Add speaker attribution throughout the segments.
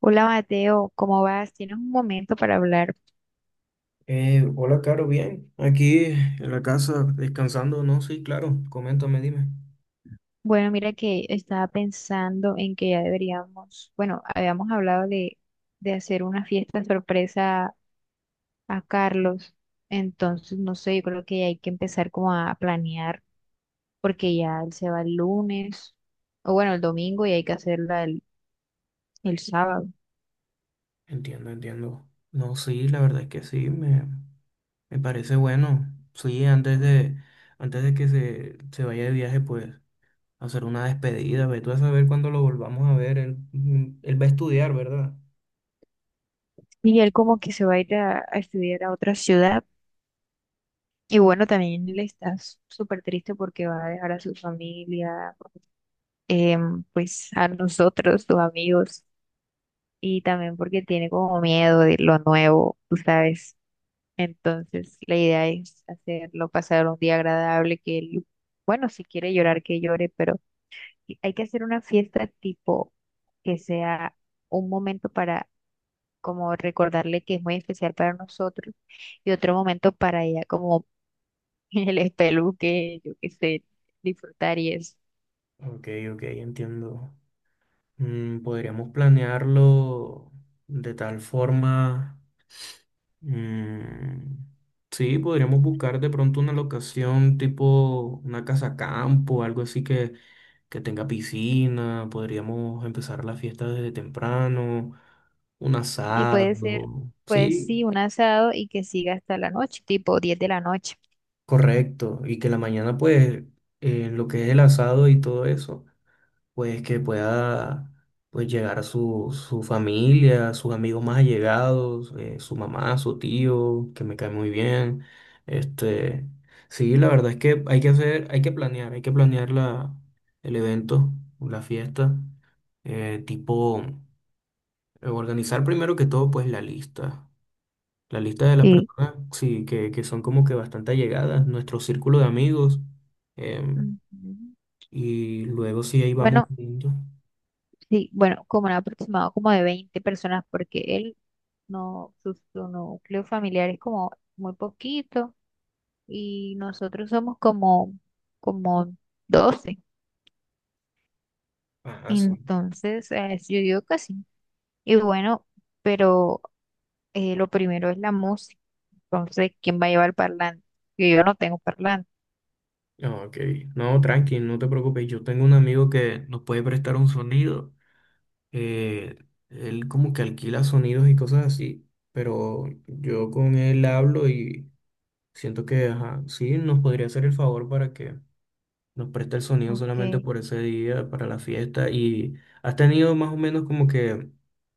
Speaker 1: Hola Mateo, ¿cómo vas? ¿Tienes un momento para hablar?
Speaker 2: Hola, Caro, bien. Aquí en la casa descansando, no, sí, claro. Coméntame, dime.
Speaker 1: Bueno, mira que estaba pensando en que ya deberíamos, bueno, habíamos hablado de hacer una fiesta sorpresa a Carlos. Entonces no sé, yo creo que hay que empezar como a planear porque ya él se va el lunes, o bueno, el domingo, y hay que hacerla el sábado.
Speaker 2: Entiendo, entiendo. No, sí, la verdad es que sí, me parece bueno. Sí, antes de que se vaya de viaje, pues hacer una despedida. Ve tú a saber cuándo lo volvamos a ver. Él, él va a estudiar, ¿verdad?
Speaker 1: Y él como que se va a ir a estudiar a otra ciudad. Y bueno, también él está súper triste porque va a dejar a su familia, pues a nosotros, sus amigos, y también porque tiene como miedo de lo nuevo, tú sabes. Entonces, la idea es hacerlo pasar un día agradable, que él, bueno, si quiere llorar, que llore, pero hay que hacer una fiesta tipo que sea un momento para como recordarle que es muy especial para nosotros, y otro momento para ella como el espeluque, yo qué sé, disfrutar y eso.
Speaker 2: Ok, ok, entiendo. Podríamos planearlo de tal forma. Mm, sí, podríamos buscar de pronto una locación tipo una casa campo, algo que tenga piscina. Podríamos empezar la fiesta desde temprano, un
Speaker 1: Y puede ser,
Speaker 2: asado.
Speaker 1: pues
Speaker 2: Sí,
Speaker 1: sí, un asado y que siga hasta la noche, tipo diez de la noche.
Speaker 2: correcto. Y que la mañana, pues, lo que es el asado y todo eso. Pues que pueda pues llegar a su familia, sus amigos más allegados, su mamá, su tío, que me cae muy bien. Este, sí, la verdad es que hay que hacer, hay que planear, el evento, la fiesta, eh, tipo, organizar primero que todo pues la lista. La lista de las
Speaker 1: Sí.
Speaker 2: personas, sí, que son como que bastante allegadas, nuestro círculo de amigos, em,
Speaker 1: Ujú.
Speaker 2: y luego sí ahí vamos
Speaker 1: Bueno,
Speaker 2: viendo.
Speaker 1: sí, bueno, como un aproximado como de 20 personas, porque él no, su núcleo familiar es como muy poquito y nosotros somos como, como doce.
Speaker 2: Ajá, sí.
Speaker 1: Entonces, yo digo que sí. Y bueno, pero lo primero es la música. Entonces, ¿quién va a llevar el parlante? Que yo no tengo parlante.
Speaker 2: Ah, ok, no, tranqui, no te preocupes. Yo tengo un amigo que nos puede prestar un sonido. eh, Él como que alquila sonidos y cosas así, pero yo con él hablo y siento que, ajá, sí, nos podría hacer el favor para que nos preste el sonido solamente
Speaker 1: Ok.
Speaker 2: por ese día, para la fiesta. ¿Y has tenido más o menos como que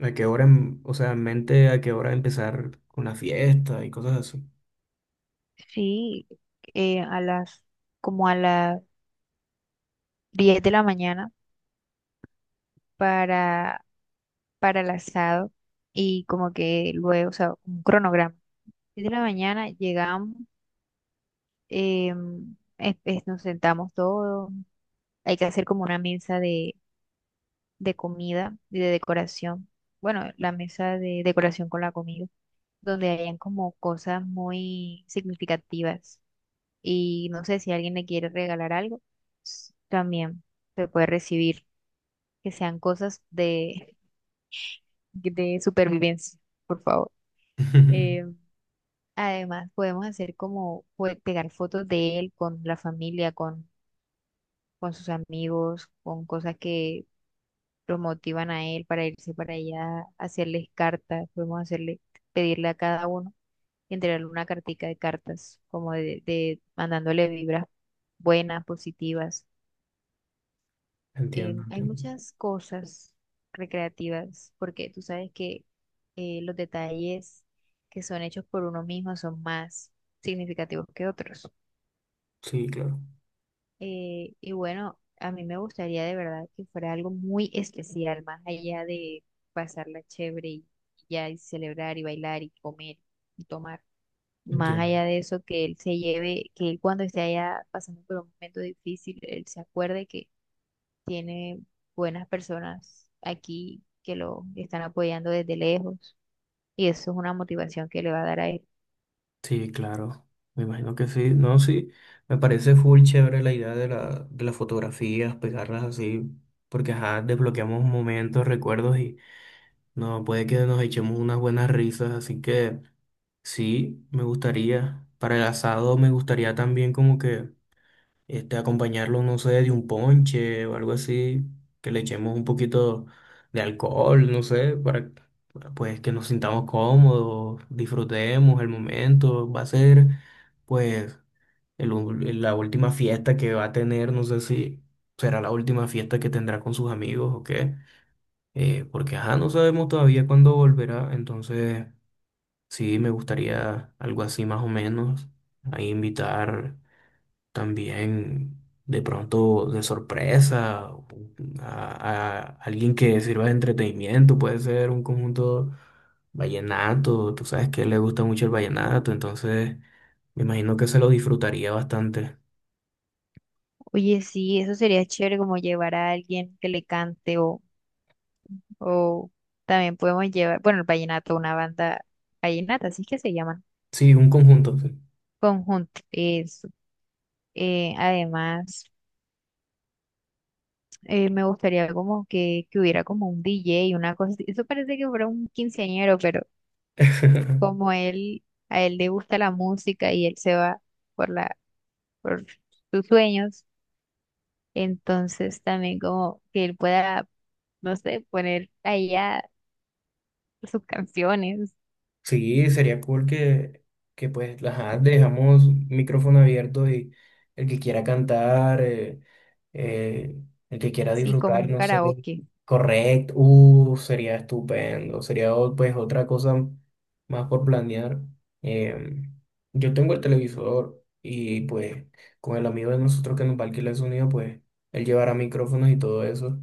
Speaker 2: a qué hora, o sea, en mente a qué hora empezar con la fiesta y cosas así?
Speaker 1: Sí, a las como a las 10 de la mañana para, para el asado, y como que luego, o sea, un cronograma. Diez de la mañana llegamos, nos sentamos todos, hay que hacer como una mesa de comida y de decoración. Bueno, la mesa de decoración con la comida, donde hayan como cosas muy significativas. Y no sé si alguien le quiere regalar algo, también se puede recibir. Que sean cosas de supervivencia, por favor. Eh, Además, podemos hacer como pegar fotos de él con la familia, con sus amigos, con cosas que los motivan a él para irse para allá, hacerles cartas, podemos hacerle, pedirle a cada uno, entregarle una cartica de cartas, como de mandándole vibras buenas, positivas.
Speaker 2: Entiendo,
Speaker 1: Hay
Speaker 2: entiendo.
Speaker 1: muchas cosas recreativas, porque tú sabes que los detalles que son hechos por uno mismo son más significativos que otros.
Speaker 2: Sí, claro,
Speaker 1: Y bueno, a mí me gustaría de verdad que fuera algo muy especial, más allá de pasarla chévere y ya, y celebrar y bailar y comer y tomar. Más
Speaker 2: entiendo.
Speaker 1: allá de eso, que él se lleve, que él cuando esté allá pasando por un momento difícil, él se acuerde, tiene buenas personas aquí que lo están apoyando desde lejos, y eso es una motivación que le va a dar a él.
Speaker 2: Sí, claro, me imagino que sí, no, sí, me parece full chévere la idea de de las fotografías, pegarlas así, porque ajá, desbloqueamos momentos, recuerdos y no, puede que nos echemos unas buenas risas, así que sí, me gustaría, para el asado me gustaría también como que este, acompañarlo, no sé, de un ponche o algo así, que le echemos un poquito de alcohol, no sé, para pues que nos sintamos cómodos, disfrutemos el momento, va a ser pues la última fiesta que va a tener, no sé si será la última fiesta que tendrá con sus amigos o qué, porque ajá, no sabemos todavía cuándo volverá, entonces sí me gustaría algo así más o menos, a invitar. También de pronto de sorpresa, a alguien que sirva de entretenimiento, puede ser un conjunto vallenato, tú sabes que a él le gusta mucho el vallenato, entonces me imagino que se lo disfrutaría bastante.
Speaker 1: Oye, sí, eso sería chévere, como llevar a alguien que le cante, o también podemos llevar, bueno, el vallenato, una banda vallenata, así es que se llaman,
Speaker 2: Sí, un conjunto. Sí.
Speaker 1: conjunto, eso. Además, me gustaría como que hubiera como un DJ y una cosa así. Eso parece que fuera un quinceañero, pero como él, a él le gusta la música y él se va por la, por sus sueños. Entonces también como que él pueda, no sé, poner allá sus canciones,
Speaker 2: Sí, sería cool que pues ajá, dejamos micrófono abierto y el que quiera cantar, eh, el que quiera
Speaker 1: sí, como
Speaker 2: disfrutar,
Speaker 1: un
Speaker 2: no sé,
Speaker 1: karaoke.
Speaker 2: correcto, sería estupendo, pues otra cosa más por planear. Em, yo tengo el televisor y pues con el amigo de nosotros que nos va a alquilar el sonido, pues él llevará micrófonos y todo eso.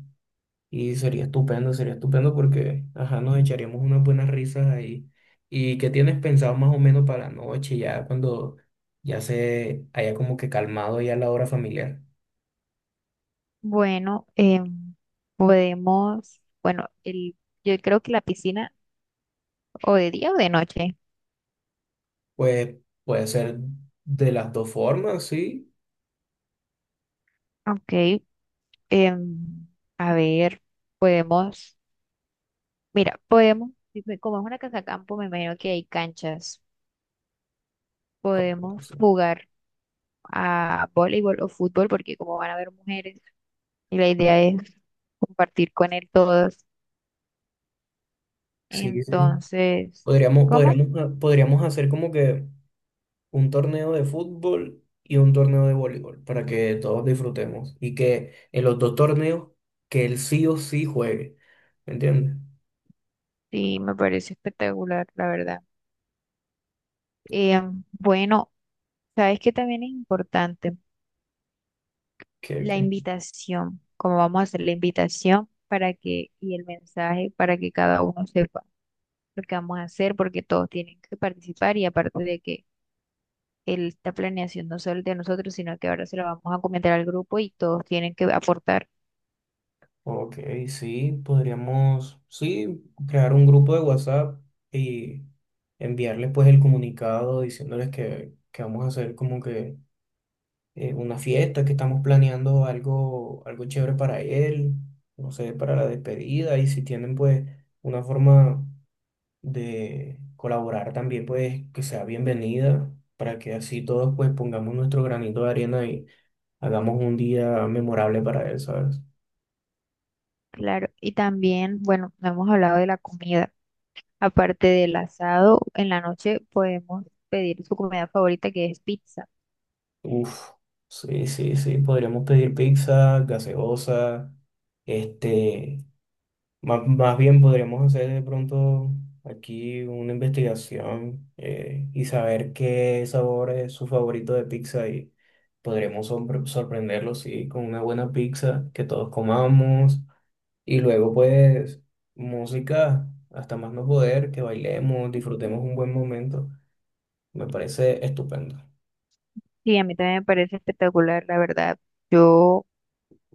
Speaker 2: Y sería estupendo porque, ajá, nos echaríamos unas buenas risas ahí. ¿Y qué tienes pensado más o menos para la noche, ya cuando ya se haya como que calmado ya la hora familiar?
Speaker 1: Bueno, podemos, bueno, el, yo creo que la piscina, o de día o de noche.
Speaker 2: Pues puede ser de las dos formas, sí.
Speaker 1: Ok, em, a ver, podemos, mira, podemos, si como es una casa campo, me imagino que hay canchas,
Speaker 2: Como-
Speaker 1: podemos jugar a voleibol o fútbol, porque como van a haber mujeres y la idea es compartir con él todas.
Speaker 2: sí, sí, sí.
Speaker 1: Entonces,
Speaker 2: Podríamos,
Speaker 1: ¿cómo?
Speaker 2: podríamos hacer como que un torneo de fútbol y un torneo de voleibol para que todos disfrutemos y que en los dos torneos que él sí o sí juegue. ¿Me entiendes?
Speaker 1: Sí, me parece espectacular, la verdad. Eh, bueno, sabes que también es importante la
Speaker 2: Que-
Speaker 1: invitación, cómo vamos a hacer la invitación para que, y el mensaje para que cada uno sepa lo que vamos a hacer, porque todos tienen que participar, y aparte de que esta planeación no solo es de nosotros, sino que ahora se lo vamos a comentar al grupo y todos tienen que aportar.
Speaker 2: ok, sí, podríamos, sí, crear un grupo de WhatsApp y enviarles pues el comunicado diciéndoles que vamos a hacer como que una fiesta, que estamos planeando algo, algo chévere para él, no sé, para la despedida y si tienen pues una forma de colaborar también pues que sea bienvenida para que así todos pues pongamos nuestro granito de arena y hagamos un día memorable para él, ¿sabes?
Speaker 1: Claro, y también, bueno, no hemos hablado de la comida. Aparte del asado, en la noche podemos pedir su comida favorita que es pizza.
Speaker 2: Uf, sí, sí, sí, podríamos pedir pizza, gaseosa, este, más bien podríamos hacer de pronto aquí una investigación y saber qué sabor es su favorito de pizza y podremos sorprenderlo, sí, con una buena pizza que todos comamos y luego pues música, hasta más no poder, que bailemos, disfrutemos
Speaker 1: Mm.
Speaker 2: un buen momento, me parece estupendo.
Speaker 1: Y a mí también me parece espectacular, la verdad. Yo, o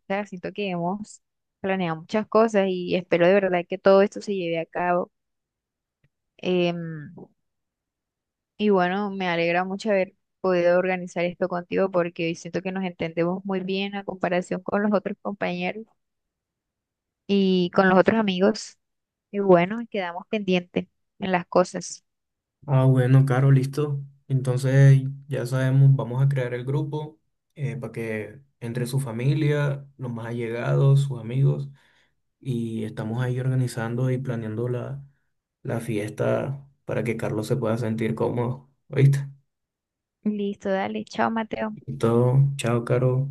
Speaker 1: sea, siento que hemos planeado muchas cosas y espero de verdad que todo esto se lleve a cabo. Em, y bueno, me alegra mucho haber podido organizar esto contigo, porque siento que nos entendemos muy bien a comparación con los otros compañeros y con los otros amigos. Y bueno, quedamos pendientes en las cosas.
Speaker 2: Ah, bueno, Caro, listo. Entonces ya sabemos, vamos a crear el grupo para que entre su familia, los más allegados, sus amigos, y estamos ahí organizando y planeando la fiesta para que Carlos se pueda sentir cómodo. ¿Oíste?
Speaker 1: Listo, dale, chao, Mateo.
Speaker 2: Y todo. Chao, Caro.